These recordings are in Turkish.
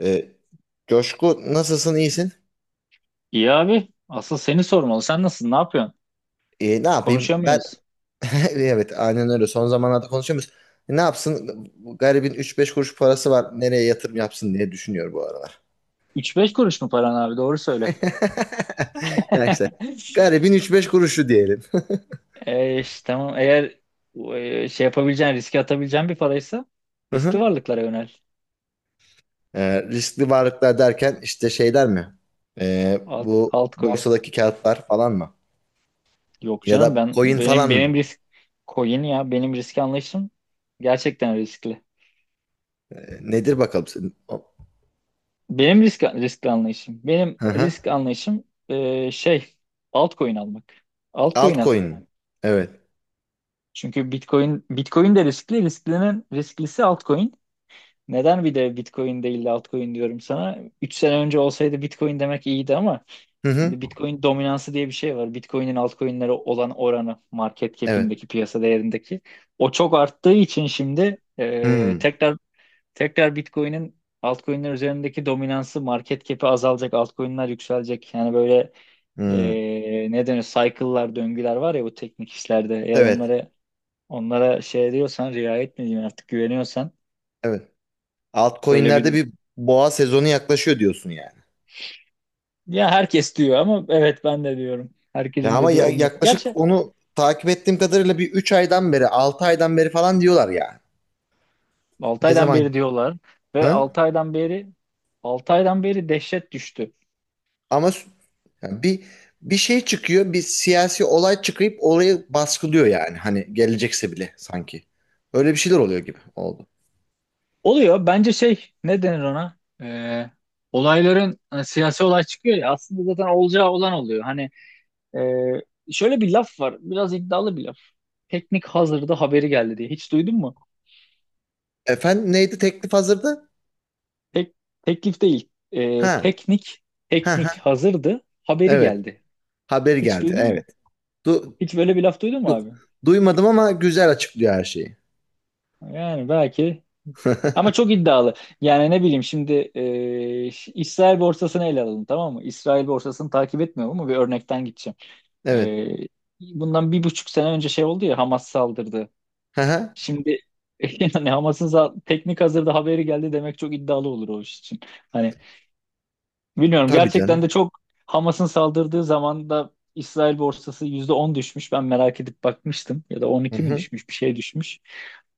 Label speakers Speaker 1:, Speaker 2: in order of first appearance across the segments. Speaker 1: Ee, Coşku, nasılsın iyisin?
Speaker 2: İyi abi. Asıl seni sormalı. Sen nasılsın? Ne yapıyorsun?
Speaker 1: Ne yapayım ben.
Speaker 2: Konuşamıyoruz.
Speaker 1: Evet, aynen öyle son zamanlarda konuşuyoruz. Ne yapsın? Bu garibin üç beş kuruş parası var, nereye yatırım yapsın diye düşünüyor bu aralar.
Speaker 2: 3-5 kuruş mu paran abi? Doğru söyle.
Speaker 1: Ya işte garibin üç beş kuruşu diyelim.
Speaker 2: E, işte, tamam. Eğer şey yapabileceğin, riske atabileceğin bir paraysa
Speaker 1: Hı
Speaker 2: riskli
Speaker 1: hı.
Speaker 2: varlıklara yönel.
Speaker 1: Riskli varlıklar derken işte şeyler mi? Ee, bu
Speaker 2: Altcoin.
Speaker 1: borsadaki kağıtlar falan mı?
Speaker 2: Yok
Speaker 1: Ya
Speaker 2: canım,
Speaker 1: da
Speaker 2: ben
Speaker 1: coin
Speaker 2: benim
Speaker 1: falan
Speaker 2: benim
Speaker 1: mı?
Speaker 2: risk coin ya, benim risk anlayışım gerçekten riskli.
Speaker 1: Nedir bakalım? Senin?
Speaker 2: Benim riskli anlayışım. Benim
Speaker 1: Hı hı.
Speaker 2: risk anlayışım altcoin almak. Altcoin al.
Speaker 1: Altcoin mi? Evet.
Speaker 2: Çünkü Bitcoin de riskli, risklinin risklisi altcoin. Neden bir de Bitcoin değil de altcoin diyorum sana? 3 sene önce olsaydı Bitcoin demek iyiydi ama
Speaker 1: Hı hı.
Speaker 2: şimdi Bitcoin dominansı diye bir şey var. Bitcoin'in altcoin'lere olan oranı market
Speaker 1: Evet.
Speaker 2: cap'indeki, piyasa değerindeki o çok arttığı için şimdi
Speaker 1: Hmm.
Speaker 2: tekrar Bitcoin'in altcoin'ler üzerindeki dominansı, market cap'i azalacak, altcoin'ler yükselecek. Yani böyle
Speaker 1: Hmm.
Speaker 2: ne denir? Cycle'lar, döngüler var ya bu teknik işlerde. Eğer
Speaker 1: Evet,
Speaker 2: onlara şey diyorsan, riayet mi diyeyim artık, güveniyorsan
Speaker 1: evet.
Speaker 2: öyle bir
Speaker 1: Altcoin'lerde
Speaker 2: durum.
Speaker 1: bir boğa sezonu yaklaşıyor diyorsun yani.
Speaker 2: Ya herkes diyor ama evet ben de diyorum.
Speaker 1: Ya
Speaker 2: Herkesin
Speaker 1: ama
Speaker 2: dediği olması.
Speaker 1: yaklaşık
Speaker 2: Gerçi
Speaker 1: onu takip ettiğim kadarıyla bir 3 aydan beri, 6 aydan beri falan diyorlar yani.
Speaker 2: 6
Speaker 1: Ne
Speaker 2: aydan
Speaker 1: zaman?
Speaker 2: beri diyorlar ve
Speaker 1: Ha?
Speaker 2: 6 aydan beri 6 aydan beri dehşet düştü.
Speaker 1: Ama yani bir şey çıkıyor, bir siyasi olay çıkıp orayı baskılıyor yani. Hani gelecekse bile sanki. Öyle bir şeyler oluyor gibi oldu.
Speaker 2: Oluyor. Bence şey, ne denir ona? Olayların, hani siyasi olay çıkıyor ya, aslında zaten olacağı olan oluyor. Hani şöyle bir laf var. Biraz iddialı bir laf. Teknik hazırda haberi geldi diye. Hiç duydun mu?
Speaker 1: Efendim, neydi? Teklif hazırdı?
Speaker 2: Tek, Teklif değil. Ee,
Speaker 1: Ha.
Speaker 2: teknik
Speaker 1: Ha
Speaker 2: teknik
Speaker 1: ha.
Speaker 2: hazırdı. Haberi
Speaker 1: Evet.
Speaker 2: geldi.
Speaker 1: Haberi
Speaker 2: Hiç
Speaker 1: geldi.
Speaker 2: duydun mu?
Speaker 1: Evet. Du
Speaker 2: Hiç böyle bir laf duydun mu
Speaker 1: yok,
Speaker 2: abi?
Speaker 1: duymadım ama güzel açıklıyor her şeyi.
Speaker 2: Yani belki ama çok iddialı. Yani ne bileyim şimdi İsrail borsasını ele alalım, tamam mı? İsrail borsasını takip etmiyorum ama bir örnekten gideceğim.
Speaker 1: Evet.
Speaker 2: Ee, Bundan 1,5 sene önce şey oldu ya, Hamas saldırdı.
Speaker 1: Hı hı.
Speaker 2: Şimdi yani Hamas'ın teknik hazırda haberi geldi demek çok iddialı olur o iş için. Hani bilmiyorum
Speaker 1: Tabii
Speaker 2: gerçekten de
Speaker 1: canım.
Speaker 2: çok. Hamas'ın saldırdığı zaman da İsrail borsası %10 düşmüş. Ben merak edip bakmıştım. Ya da on
Speaker 1: Hı
Speaker 2: iki mi
Speaker 1: hı.
Speaker 2: düşmüş, bir şey düşmüş.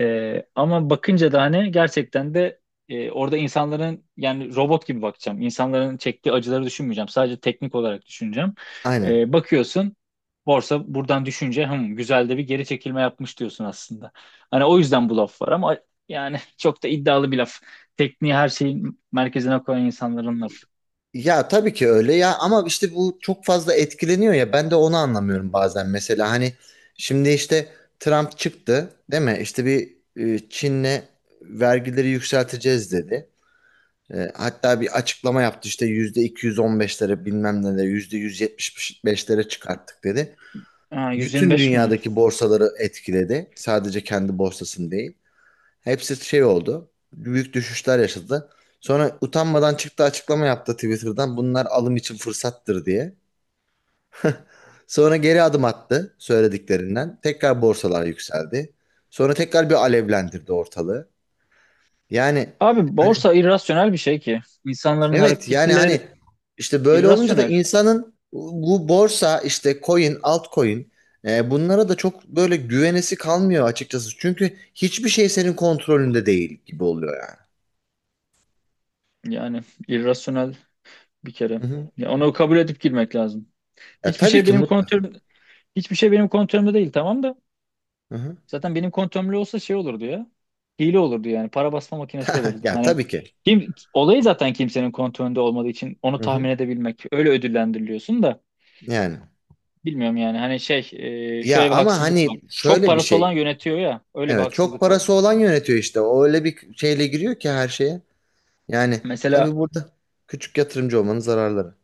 Speaker 2: Ama bakınca da hani gerçekten de orada insanların, yani robot gibi bakacağım. İnsanların çektiği acıları düşünmeyeceğim. Sadece teknik olarak düşüneceğim.
Speaker 1: Aynen.
Speaker 2: Bakıyorsun, borsa buradan düşünce güzel de bir geri çekilme yapmış diyorsun aslında. Hani o yüzden bu laf var ama yani çok da iddialı bir laf. Tekniği her şeyin merkezine koyan insanların lafı.
Speaker 1: Ya tabii ki öyle ya, ama işte bu çok fazla etkileniyor ya, ben de onu anlamıyorum bazen mesela. Hani şimdi işte Trump çıktı değil mi? İşte bir Çin'le vergileri yükselteceğiz dedi. Hatta bir açıklama yaptı işte yüzde 215'lere bilmem ne de yüzde 175'lere çıkarttık dedi.
Speaker 2: Ha,
Speaker 1: Bütün
Speaker 2: 125 mi?
Speaker 1: dünyadaki borsaları etkiledi. Sadece kendi borsasını değil. Hepsi şey oldu. Büyük düşüşler yaşadı. Sonra utanmadan çıktı açıklama yaptı Twitter'dan. Bunlar alım için fırsattır diye. Sonra geri adım attı söylediklerinden. Tekrar borsalar yükseldi. Sonra tekrar bir alevlendirdi ortalığı. Yani
Speaker 2: Abi, borsa irrasyonel bir şey ki. İnsanların
Speaker 1: evet yani
Speaker 2: hareketleri
Speaker 1: hani işte böyle olunca da
Speaker 2: irrasyonel.
Speaker 1: insanın bu borsa işte coin, altcoin, bunlara da çok böyle güvenesi kalmıyor açıkçası. Çünkü hiçbir şey senin kontrolünde değil gibi oluyor yani.
Speaker 2: Yani irrasyonel bir kere.
Speaker 1: Hı hı.
Speaker 2: Ya onu kabul edip girmek lazım.
Speaker 1: Ya
Speaker 2: Hiçbir
Speaker 1: tabii
Speaker 2: şey
Speaker 1: ki
Speaker 2: benim
Speaker 1: mutlaka.
Speaker 2: kontrolüm Hiçbir şey benim kontrolümde değil, tamam da. Zaten benim kontrolümde olsa şey olurdu ya. Hile olurdu yani. Para basma makinesi olurdu.
Speaker 1: Ya
Speaker 2: Hani
Speaker 1: tabii ki.
Speaker 2: kim olayı, zaten kimsenin kontrolünde olmadığı için onu
Speaker 1: Hı hı.
Speaker 2: tahmin edebilmek. Öyle ödüllendiriliyorsun da
Speaker 1: Yani.
Speaker 2: bilmiyorum yani. Hani
Speaker 1: Ya
Speaker 2: şöyle bir
Speaker 1: ama
Speaker 2: haksızlık var.
Speaker 1: hani
Speaker 2: Çok
Speaker 1: şöyle bir
Speaker 2: parası olan
Speaker 1: şey.
Speaker 2: yönetiyor ya. Öyle bir
Speaker 1: Evet, çok
Speaker 2: haksızlık var.
Speaker 1: parası olan yönetiyor işte. O öyle bir şeyle giriyor ki her şeye. Yani tabii
Speaker 2: Mesela
Speaker 1: burada küçük yatırımcı olmanın zararları.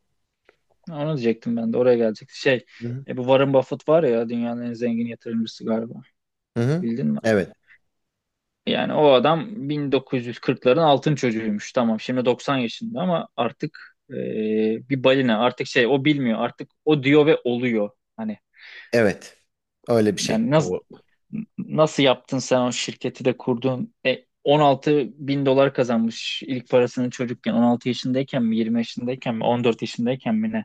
Speaker 2: onu diyecektim, ben de oraya gelecekti.
Speaker 1: Hı hı.
Speaker 2: Bu Warren Buffett var ya, dünyanın en zengin yatırımcısı galiba.
Speaker 1: Hı hı.
Speaker 2: Bildin mi?
Speaker 1: Evet.
Speaker 2: Yani o adam 1940'ların altın çocuğuymuş. Tamam, şimdi 90 yaşında ama artık bir balina artık, şey, o bilmiyor artık, o diyor ve oluyor. Hani
Speaker 1: Evet. Öyle bir şey.
Speaker 2: yani nasıl nasıl yaptın sen, o şirketi de kurdun? 16 bin dolar kazanmış ilk parasını çocukken, 16 yaşındayken mi, 20 yaşındayken mi, 14 yaşındayken mi, ne?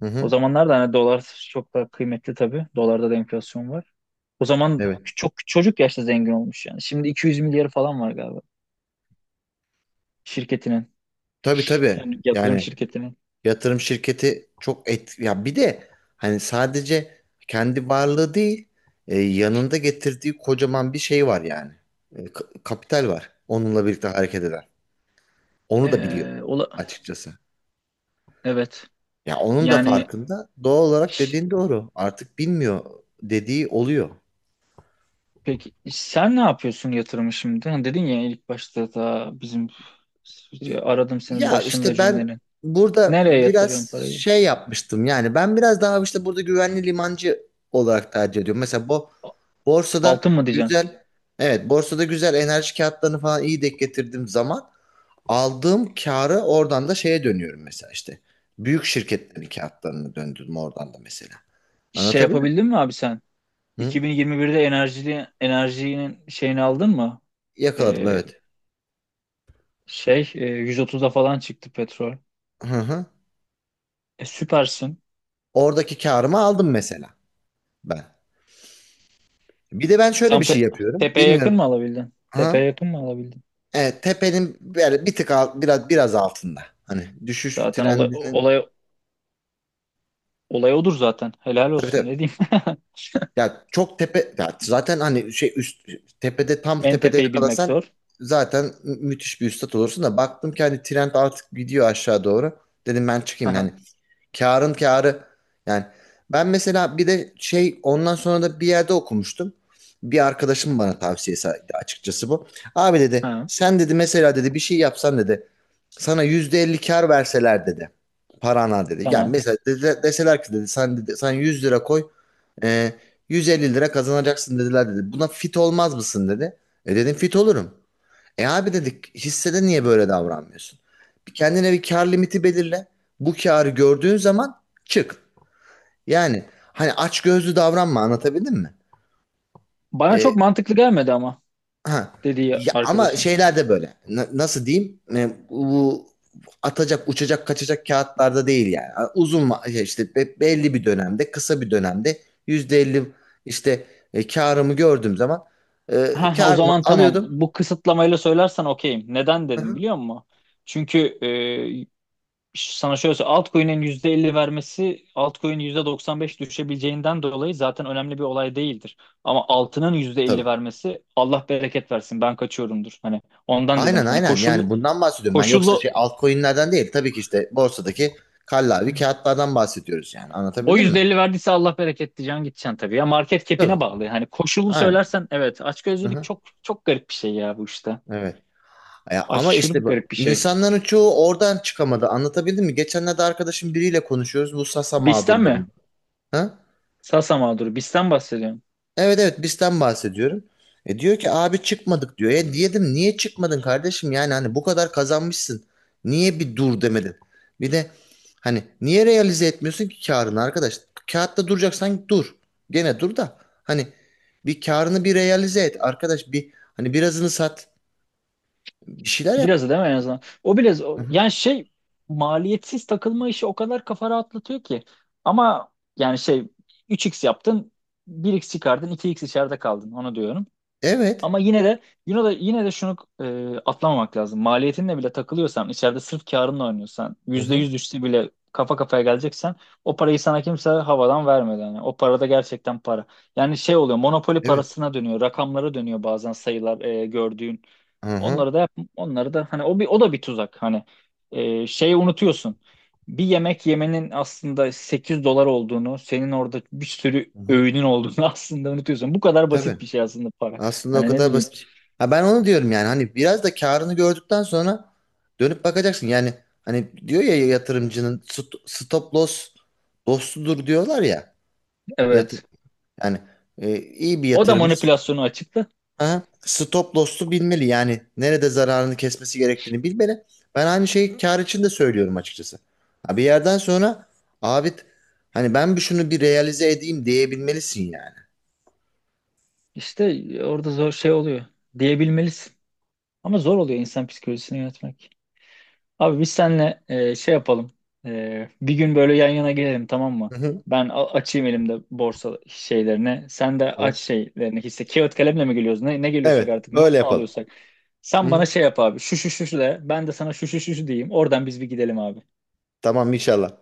Speaker 1: Hı
Speaker 2: O
Speaker 1: hı.
Speaker 2: zamanlar da hani dolar çok daha kıymetli tabii. Dolarda da enflasyon var. O zaman
Speaker 1: Evet.
Speaker 2: çok çocuk yaşta zengin olmuş yani. Şimdi 200 milyarı falan var galiba şirketinin.
Speaker 1: Tabii tabii.
Speaker 2: Yani yatırım
Speaker 1: Yani
Speaker 2: şirketinin.
Speaker 1: yatırım şirketi çok et ya, bir de hani sadece kendi varlığı değil, yanında getirdiği kocaman bir şey var yani. Kapital var. Onunla birlikte hareket eden. Onu da biliyor
Speaker 2: Ola
Speaker 1: açıkçası.
Speaker 2: Evet.
Speaker 1: Ya onun da
Speaker 2: Yani
Speaker 1: farkında. Doğal olarak dediğin doğru. Artık bilmiyor dediği oluyor.
Speaker 2: peki sen ne yapıyorsun yatırımı şimdi? Hani dedin ya ilk başta da bizim, aradım senin
Speaker 1: Ya
Speaker 2: başında
Speaker 1: işte ben
Speaker 2: cümlenin.
Speaker 1: burada
Speaker 2: Nereye yatırıyorsun
Speaker 1: biraz
Speaker 2: parayı?
Speaker 1: şey yapmıştım. Yani ben biraz daha işte burada güvenli limancı olarak tercih ediyorum. Mesela bu borsada
Speaker 2: Altın mı diyeceksin?
Speaker 1: güzel, evet, borsada güzel enerji kağıtlarını falan iyi denk getirdiğim zaman aldığım karı oradan da şeye dönüyorum mesela işte. Büyük şirketlerin kağıtlarını döndürdüm oradan da mesela.
Speaker 2: Şey
Speaker 1: Anlatabildim mi?
Speaker 2: yapabildin mi abi sen?
Speaker 1: Hı?
Speaker 2: 2021'de enerjinin şeyini aldın mı?
Speaker 1: Yakaladım
Speaker 2: Ee,
Speaker 1: evet.
Speaker 2: 130'a falan çıktı petrol.
Speaker 1: Hı hı.
Speaker 2: Süpersin.
Speaker 1: Oradaki karımı aldım mesela ben. Bir de ben şöyle
Speaker 2: Tam
Speaker 1: bir şey yapıyorum.
Speaker 2: tepeye
Speaker 1: Bilmiyorum.
Speaker 2: yakın mı alabildin? Tepeye
Speaker 1: Hı?
Speaker 2: yakın mı alabildin?
Speaker 1: Evet, tepenin böyle bir tık alt, biraz biraz altında. Hani düşüş
Speaker 2: Zaten olay,
Speaker 1: trendinin.
Speaker 2: olay, olay odur zaten. Helal
Speaker 1: Tabii
Speaker 2: olsun,
Speaker 1: tabii.
Speaker 2: ne diyeyim.
Speaker 1: Ya çok tepe ya, zaten hani şey üst tepede, tam
Speaker 2: En
Speaker 1: tepede
Speaker 2: tepeyi bilmek
Speaker 1: yakalasan
Speaker 2: zor.
Speaker 1: zaten müthiş bir üstat olursun da baktım ki hani trend artık gidiyor aşağı doğru. Dedim ben çıkayım yani.
Speaker 2: Aha,
Speaker 1: Kârın kârı. Yani ben mesela, bir de şey, ondan sonra da bir yerde okumuştum. Bir arkadaşım bana tavsiyesi açıkçası bu. Abi dedi,
Speaker 2: ha,
Speaker 1: sen dedi, mesela dedi bir şey yapsan dedi sana %50 kâr verseler dedi. Parana dedi. Yani
Speaker 2: tamam.
Speaker 1: mesela dedi, deseler ki dedi, sen dedi sen 100 lira koy, e, 150 lira kazanacaksın dediler dedi. Buna fit olmaz mısın dedi. Dedim fit olurum. Abi dedik, hissede niye böyle davranmıyorsun? Bir kendine bir kar limiti belirle. Bu karı gördüğün zaman çık. Yani hani açgözlü davranma, anlatabildim mi?
Speaker 2: Bana
Speaker 1: E,
Speaker 2: çok mantıklı gelmedi ama
Speaker 1: ha.
Speaker 2: dediği
Speaker 1: Ya, ama
Speaker 2: arkadaşın.
Speaker 1: şeyler de böyle. Nasıl diyeyim? Bu atacak, uçacak, kaçacak kağıtlarda değil yani. Uzun şey işte belli bir dönemde, kısa bir dönemde %50 işte, karımı gördüğüm zaman
Speaker 2: Ha, o
Speaker 1: karımı
Speaker 2: zaman tamam.
Speaker 1: alıyordum.
Speaker 2: Bu kısıtlamayla söylersen okeyim. Neden
Speaker 1: Hı
Speaker 2: dedim
Speaker 1: hı.
Speaker 2: biliyor musun? Çünkü sana şöyle söyleyeyim. Altcoin'in %50 vermesi, altcoin'in %95 düşebileceğinden dolayı zaten önemli bir olay değildir. Ama altının %50
Speaker 1: Tabii.
Speaker 2: vermesi, Allah bereket versin, ben kaçıyorumdur. Hani ondan dedim.
Speaker 1: Aynen
Speaker 2: Hani
Speaker 1: aynen
Speaker 2: koşul
Speaker 1: yani bundan bahsediyorum ben, yoksa şey
Speaker 2: koşullu
Speaker 1: altcoin'lerden değil tabii ki, işte borsadaki kallavi kağıtlardan bahsediyoruz yani
Speaker 2: o
Speaker 1: anlatabildim mi?
Speaker 2: %50 verdiyse, Allah bereket diyeceksin, gideceksin tabii. Ya market cap'ine
Speaker 1: Tabii.
Speaker 2: bağlı. Hani koşulunu
Speaker 1: Aynen.
Speaker 2: söylersen, evet, açgözlülük
Speaker 1: Hı-hı.
Speaker 2: çok çok garip bir şey ya bu işte.
Speaker 1: Evet. Ya ama
Speaker 2: Aşırı
Speaker 1: işte bu,
Speaker 2: garip bir şey.
Speaker 1: insanların çoğu oradan çıkamadı anlatabildim mi? Geçenlerde arkadaşım biriyle konuşuyoruz bu Sasa
Speaker 2: Bisten mi?
Speaker 1: mağdurlarında.
Speaker 2: Sasa mağduru. Bisten bahsediyorum.
Speaker 1: Evet evet bizden bahsediyorum. Diyor ki abi çıkmadık diyor. Diyedim niye çıkmadın kardeşim, yani hani bu kadar kazanmışsın. Niye bir dur demedin? Bir de hani niye realize etmiyorsun ki karını arkadaş? Kağıtta duracaksan dur. Gene dur da hani bir karını bir realize et arkadaş, bir hani birazını sat bir şeyler yap.
Speaker 2: Birazı değil mi en azından? O biraz
Speaker 1: Hı hı.
Speaker 2: yani şey, maliyetsiz takılma işi o kadar kafa rahatlatıyor ki. Ama yani şey, üç x yaptın, bir x çıkardın, iki x içeride kaldın, onu diyorum.
Speaker 1: Evet.
Speaker 2: Ama yine de şunu atlamamak lazım. Maliyetinle bile takılıyorsan içeride, sırf karınla oynuyorsan,
Speaker 1: Hı hı.
Speaker 2: %100 düşse bile kafa kafaya geleceksen, o parayı sana kimse havadan vermedi. Yani o parada gerçekten para. Yani şey oluyor, monopoli
Speaker 1: Evet.
Speaker 2: parasına dönüyor, rakamlara dönüyor bazen sayılar, gördüğün.
Speaker 1: Hı hı.
Speaker 2: Onları da yap, onları da, hani o bir, o da bir tuzak. Hani şeyi unutuyorsun. Bir yemek yemenin aslında 8 dolar olduğunu, senin orada bir sürü
Speaker 1: Hı hı.
Speaker 2: öğünün olduğunu aslında unutuyorsun. Bu kadar
Speaker 1: Tabii.
Speaker 2: basit bir şey aslında para.
Speaker 1: Aslında o
Speaker 2: Hani ne
Speaker 1: kadar
Speaker 2: bileyim.
Speaker 1: basit bir şey. Ha, ben onu diyorum yani, hani biraz da karını gördükten sonra dönüp bakacaksın. Yani hani diyor ya, yatırımcının stop loss dostudur diyorlar ya. Yatır
Speaker 2: Evet.
Speaker 1: yani iyi bir
Speaker 2: O da
Speaker 1: yatırımcı,
Speaker 2: manipülasyonu açıklı.
Speaker 1: aha, stop loss'u bilmeli. Yani nerede zararını kesmesi gerektiğini bilmeli. Ben aynı şeyi kar için de söylüyorum açıkçası. Ha, bir yerden sonra abi hani ben bir şunu bir realize edeyim diyebilmelisin yani.
Speaker 2: İşte orada zor şey oluyor, diyebilmelisin. Ama zor oluyor insan psikolojisini yönetmek. Abi, biz seninle şey yapalım. Bir gün böyle yan yana gelelim, tamam
Speaker 1: Hı
Speaker 2: mı?
Speaker 1: hı.
Speaker 2: Ben açayım elimde borsa şeylerini. Sen de aç
Speaker 1: Tamam.
Speaker 2: şeylerini. Hisse, kağıt kalemle mi geliyoruz? Ne, ne geliyorsak
Speaker 1: Evet,
Speaker 2: artık. Not
Speaker 1: öyle
Speaker 2: mu
Speaker 1: yapalım.
Speaker 2: alıyorsak.
Speaker 1: Hı
Speaker 2: Sen
Speaker 1: hı.
Speaker 2: bana şey yap abi. Şu şu şu şu de. Ben de sana şu şu şu şu diyeyim. Oradan biz bir gidelim abi.
Speaker 1: Tamam inşallah.